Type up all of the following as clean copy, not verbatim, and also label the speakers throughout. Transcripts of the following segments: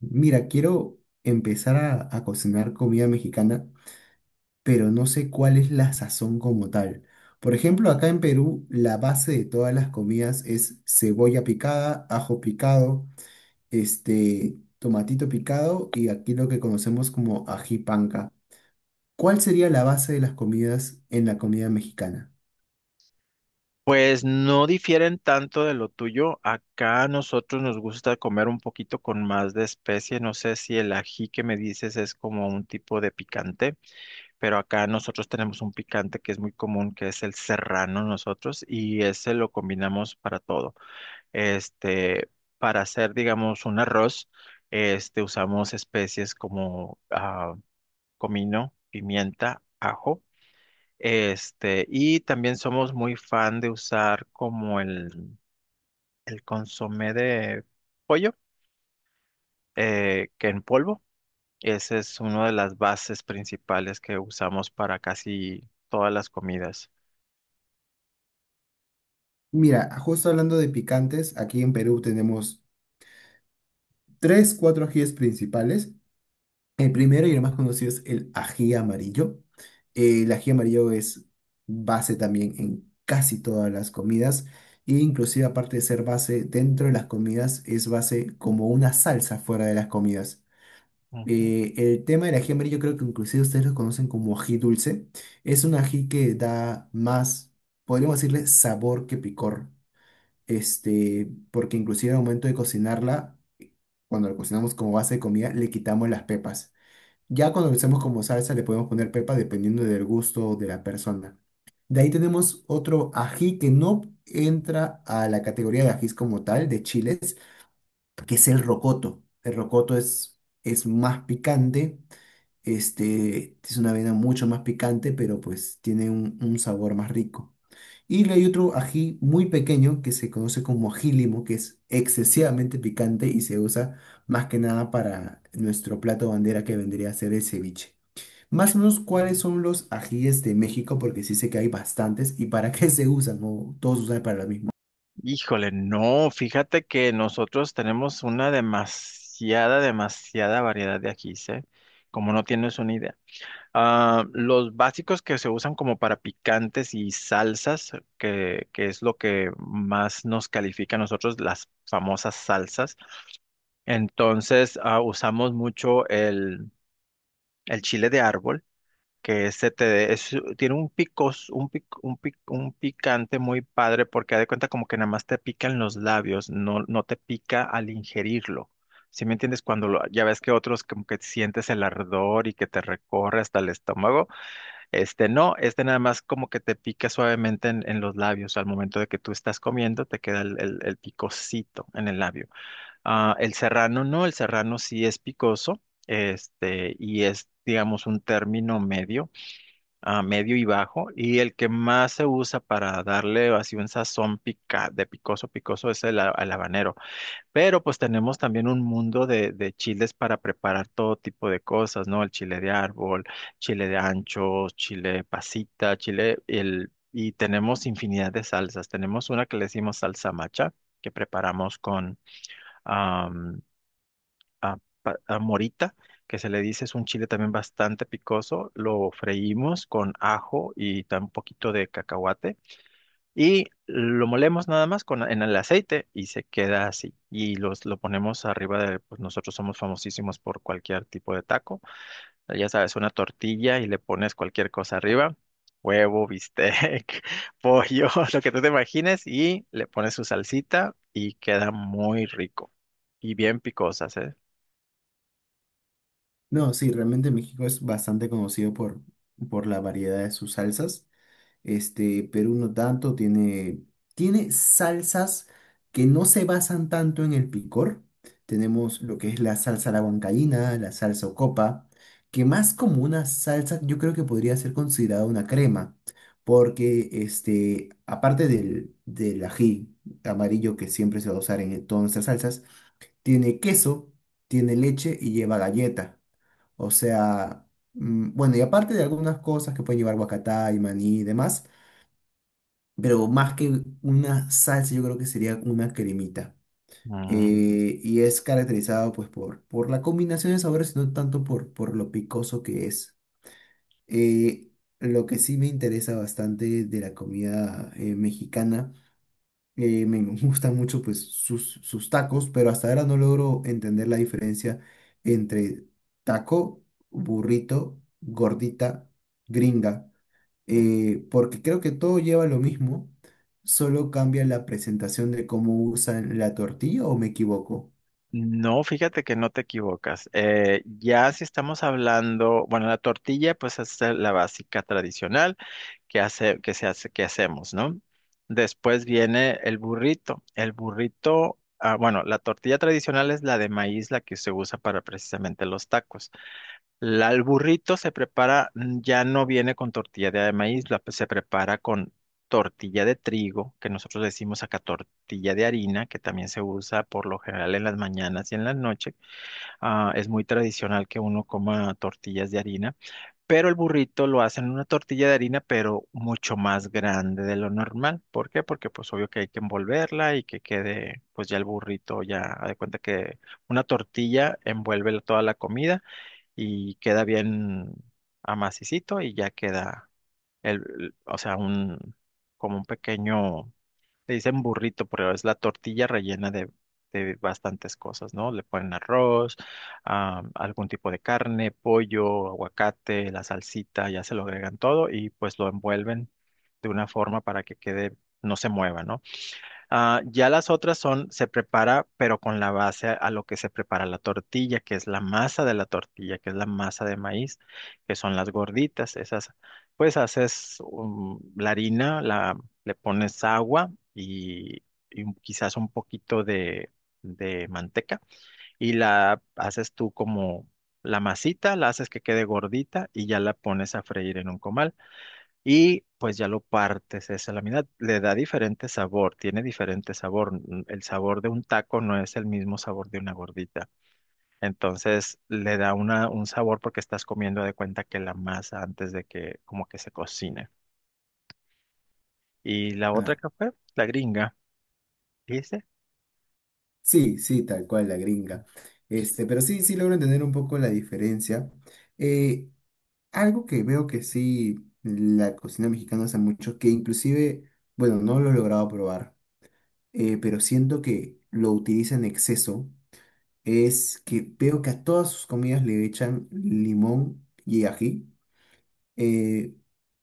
Speaker 1: Mira, quiero empezar a cocinar comida mexicana, pero no sé cuál es la sazón como tal. Por ejemplo, acá en Perú, la base de todas las comidas es cebolla picada, ajo picado, tomatito picado y aquí lo que conocemos como ají panca. ¿Cuál sería la base de las comidas en la comida mexicana?
Speaker 2: Pues no difieren tanto de lo tuyo. Acá a nosotros nos gusta comer un poquito con más de especie. No sé si el ají que me dices es como un tipo de picante, pero acá nosotros tenemos un picante que es muy común, que es el serrano nosotros, y ese lo combinamos para todo. Este, para hacer, digamos, un arroz, este, usamos especies como comino, pimienta, ajo. Este, y también somos muy fan de usar como el consomé de pollo, que en polvo. Esa es una de las bases principales que usamos para casi todas las comidas.
Speaker 1: Mira, justo hablando de picantes, aquí en Perú tenemos tres, cuatro ajíes principales. El primero y el más conocido es el ají amarillo. El ají amarillo es base también en casi todas las comidas e inclusive aparte de ser base dentro de las comidas es base como una salsa fuera de las comidas.
Speaker 2: Ujú.
Speaker 1: El tema del ají amarillo creo que inclusive ustedes lo conocen como ají dulce. Es un ají que da más, podríamos decirle, sabor que picor. Porque inclusive al momento de cocinarla, cuando lo cocinamos como base de comida, le quitamos las pepas. Ya cuando lo hacemos como salsa le podemos poner pepa dependiendo del gusto de la persona. De ahí tenemos otro ají que no entra a la categoría de ajís como tal, de chiles, que es el rocoto. El rocoto es más picante, es una avena mucho más picante, pero pues tiene un sabor más rico. Y le hay otro ají muy pequeño que se conoce como ají limo, que es excesivamente picante y se usa más que nada para nuestro plato bandera que vendría a ser el ceviche. Más o menos, ¿cuáles son los ajíes de México? Porque sí sé que hay bastantes. ¿Y para qué se usan? ¿O todos usan para lo mismo?
Speaker 2: Híjole, no, fíjate que nosotros tenemos una demasiada variedad de ajís, ¿eh? Como no tienes una idea. Ah, los básicos que se usan como para picantes y salsas, que es lo que más nos califica a nosotros, las famosas salsas. Entonces, usamos mucho el chile de árbol, que ese te- de- es- tiene un picos, un, pic- un, pic- un picante muy padre, porque haz de cuenta como que nada más te pica en los labios, no, no te pica al ingerirlo. ¿Sí me entiendes? Ya ves que otros como que sientes el ardor y que te recorre hasta el estómago. Este no, este nada más como que te pica suavemente en los labios. Al momento de que tú estás comiendo, te queda el picocito en el labio. Ah, el serrano no, el serrano sí es picoso, este, y es, digamos, un término medio, ah, medio y bajo. Y el que más se usa para darle así un sazón pica, de picoso, picoso es el habanero. Pero pues tenemos también un mundo de chiles para preparar todo tipo de cosas, ¿no? El chile de árbol, chile de ancho, chile pasita, chile, el, y tenemos infinidad de salsas. Tenemos una que le decimos salsa macha, que preparamos con am, a- a morita, que se le dice es un chile también bastante picoso. Lo freímos con ajo y un poquito de cacahuate. Y lo molemos nada más con, en el aceite y se queda así. Y lo ponemos arriba de, pues nosotros somos famosísimos por cualquier tipo de taco. Ya sabes, una tortilla y le pones cualquier cosa arriba, huevo, bistec, pollo, lo que tú te imagines y le pones su salsita y queda muy rico. Y bien picosas, ¿eh?
Speaker 1: No, sí, realmente México es bastante conocido por la variedad de sus salsas. Perú no tanto, tiene salsas que no se basan tanto en el picor. Tenemos lo que es la salsa a la huancaína, la salsa ocopa, que más como una salsa, yo creo que podría ser considerada una crema, porque este, aparte del ají amarillo que siempre se va a usar en todas nuestras salsas, tiene queso, tiene leche y lleva galleta. O sea, bueno, y aparte de algunas cosas que pueden llevar guacatá y maní y demás, pero más que una salsa, yo creo que sería una cremita.
Speaker 2: Mm.
Speaker 1: Y es caracterizado pues por la combinación de sabores, no tanto por lo picoso que es. Eh, lo que sí me interesa bastante de la comida mexicana, me gustan mucho pues sus tacos, pero hasta ahora no logro entender la diferencia entre taco, burrito, gordita, gringa,
Speaker 2: Mm.
Speaker 1: porque creo que todo lleva lo mismo, solo cambia la presentación de cómo usan la tortilla o me equivoco.
Speaker 2: No, fíjate que no te equivocas. Ya si estamos hablando, bueno, la tortilla pues es la básica tradicional, que hace, que se hace, que hacemos, ¿no? Después viene el burrito. El burrito, ah, bueno, la tortilla tradicional es la de maíz, la que se usa para precisamente los tacos. La, el burrito se prepara, mm, ya no viene con tortilla de maíz, la, se prepara con tortilla de trigo, que nosotros decimos acá tortilla de harina, que también se usa por lo general en las mañanas y en las noches. Ah, es muy tradicional que uno coma tortillas de harina. Pero el burrito lo hacen en una tortilla de harina, pero mucho más grande de lo normal. ¿Por qué? Porque pues obvio que hay que envolverla y que quede pues ya el burrito, ya haz de cuenta que una tortilla envuelve toda la comida y queda bien amacicito y ya queda o sea, un como un pequeño le dicen burrito, pero es la tortilla rellena de bastantes cosas, ¿no? Le ponen arroz, ah, algún tipo de carne, pollo, aguacate, la salsita, ya se lo agregan todo y pues lo envuelven de una forma para que quede, no se mueva, ¿no? Ah, ya las otras son, se prepara, pero con la base a lo que se prepara la tortilla, que es la masa de la tortilla, que es la masa de maíz, que son las gorditas. Esas, pues haces la harina, la, le pones agua y quizás un poquito de manteca y la haces tú como la masita, la haces que quede gordita y ya la pones a freír en un comal. Y pues ya lo partes esa lámina, le da diferente sabor, tiene diferente sabor. El sabor de un taco no es el mismo sabor de una gordita. Entonces le da una, un sabor porque estás comiendo de cuenta que la masa antes de que como que se cocine. Y la otra
Speaker 1: Ah,
Speaker 2: que fue, la gringa, dice.
Speaker 1: sí, sí, tal cual, la gringa. Pero sí, sí logro entender un poco la diferencia. Eh, Algo que veo que sí, la cocina mexicana hace mucho, que inclusive, bueno, no lo he logrado probar, pero siento que lo utiliza en exceso, es que veo que a todas sus comidas le echan limón y ají. Eh,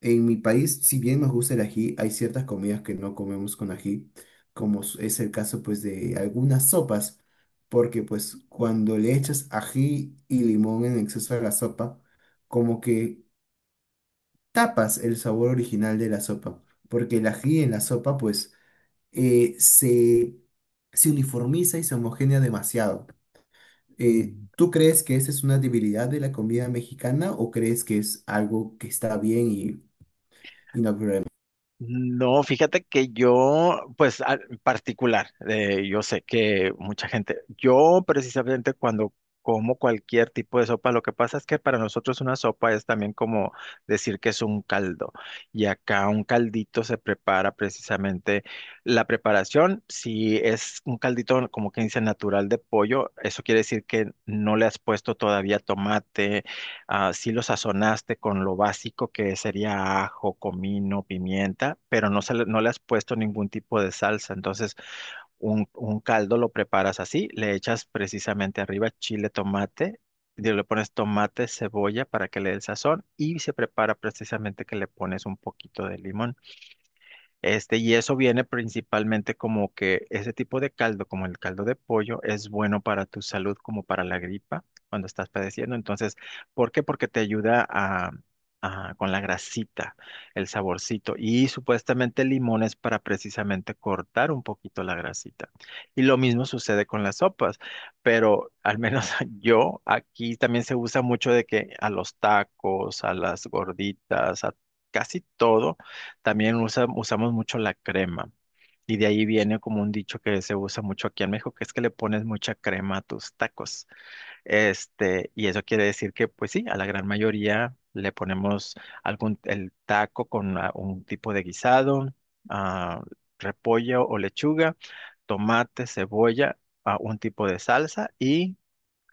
Speaker 1: en mi país, si bien nos gusta el ají, hay ciertas comidas que no comemos con ají, como es el caso pues de algunas sopas, porque pues cuando le echas ají y limón en exceso a la sopa, como que tapas el sabor original de la sopa, porque el ají en la sopa pues eh, se, se uniformiza y se homogénea demasiado. ¿Tú crees que esa es una debilidad de la comida mexicana o crees que es algo que está bien y no?
Speaker 2: No, fíjate que yo, pues en particular, yo sé que mucha gente, yo precisamente cuando como cualquier tipo de sopa, lo que pasa es que para nosotros una sopa es también como decir que es un caldo. Y acá un caldito se prepara precisamente la preparación, si es un caldito como que dice natural de pollo, eso quiere decir que no le has puesto todavía tomate, ah, sí lo sazonaste con lo básico que sería ajo, comino, pimienta, pero no, se le, no le has puesto ningún tipo de salsa. Entonces, un caldo lo preparas así, le echas precisamente arriba chile, tomate, y le pones tomate, cebolla para que le dé el sazón y se prepara precisamente que le pones un poquito de limón. Este, y eso viene principalmente como que ese tipo de caldo, como el caldo de pollo, es bueno para tu salud como para la gripa cuando estás padeciendo. Entonces, ¿por qué? Porque te ayuda con la grasita, el saborcito. Y supuestamente el limón es para precisamente cortar un poquito la grasita. Y lo mismo sucede con las sopas, pero al menos yo aquí también se usa mucho de que a los tacos, a las gorditas, a casi todo también usamos mucho la crema. Y de ahí viene como un dicho que se usa mucho aquí en México, que es que le pones mucha crema a tus tacos. Este, y eso quiere decir que, pues sí, a la gran mayoría le ponemos algún, el taco con un tipo de guisado, ah, repollo o lechuga, tomate, cebolla, un tipo de salsa y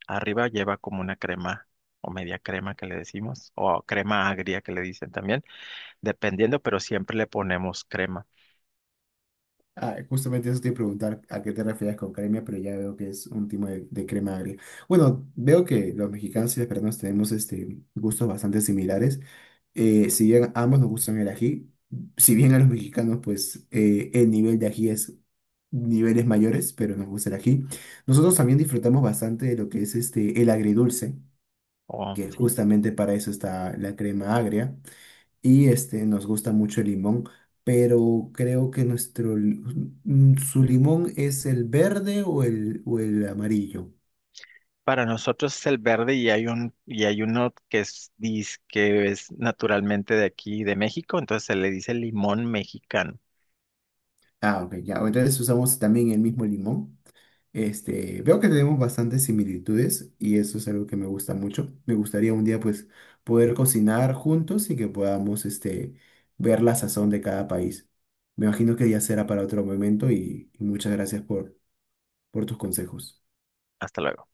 Speaker 2: arriba lleva como una crema o media crema que le decimos, o crema agria que le dicen también dependiendo, pero siempre le ponemos crema.
Speaker 1: Ah, justamente eso te iba a preguntar, a qué te refieres con crema, pero ya veo que es un tipo de crema agria. Bueno, veo que los mexicanos y los peruanos tenemos este, gustos bastante similares. Si bien a ambos nos gustan el ají, si bien a los mexicanos pues el nivel de ají es niveles mayores, pero nos gusta el ají. Nosotros también disfrutamos bastante de lo que es este, el agridulce,
Speaker 2: O,
Speaker 1: que
Speaker 2: sí.
Speaker 1: justamente para eso está la crema agria y este, nos gusta mucho el limón, pero creo que su limón es el verde o el amarillo.
Speaker 2: Para nosotros es el verde y hay un, y hay uno que es, que es naturalmente de aquí, de México, entonces se le dice limón mexicano.
Speaker 1: Ah, ok, ya. Entonces usamos también el mismo limón. Este, veo que tenemos bastantes similitudes y eso es algo que me gusta mucho. Me gustaría un día pues poder cocinar juntos y que podamos este, ver la sazón de cada país. Me imagino que ya será para otro momento y muchas gracias por tus consejos.
Speaker 2: Hasta luego.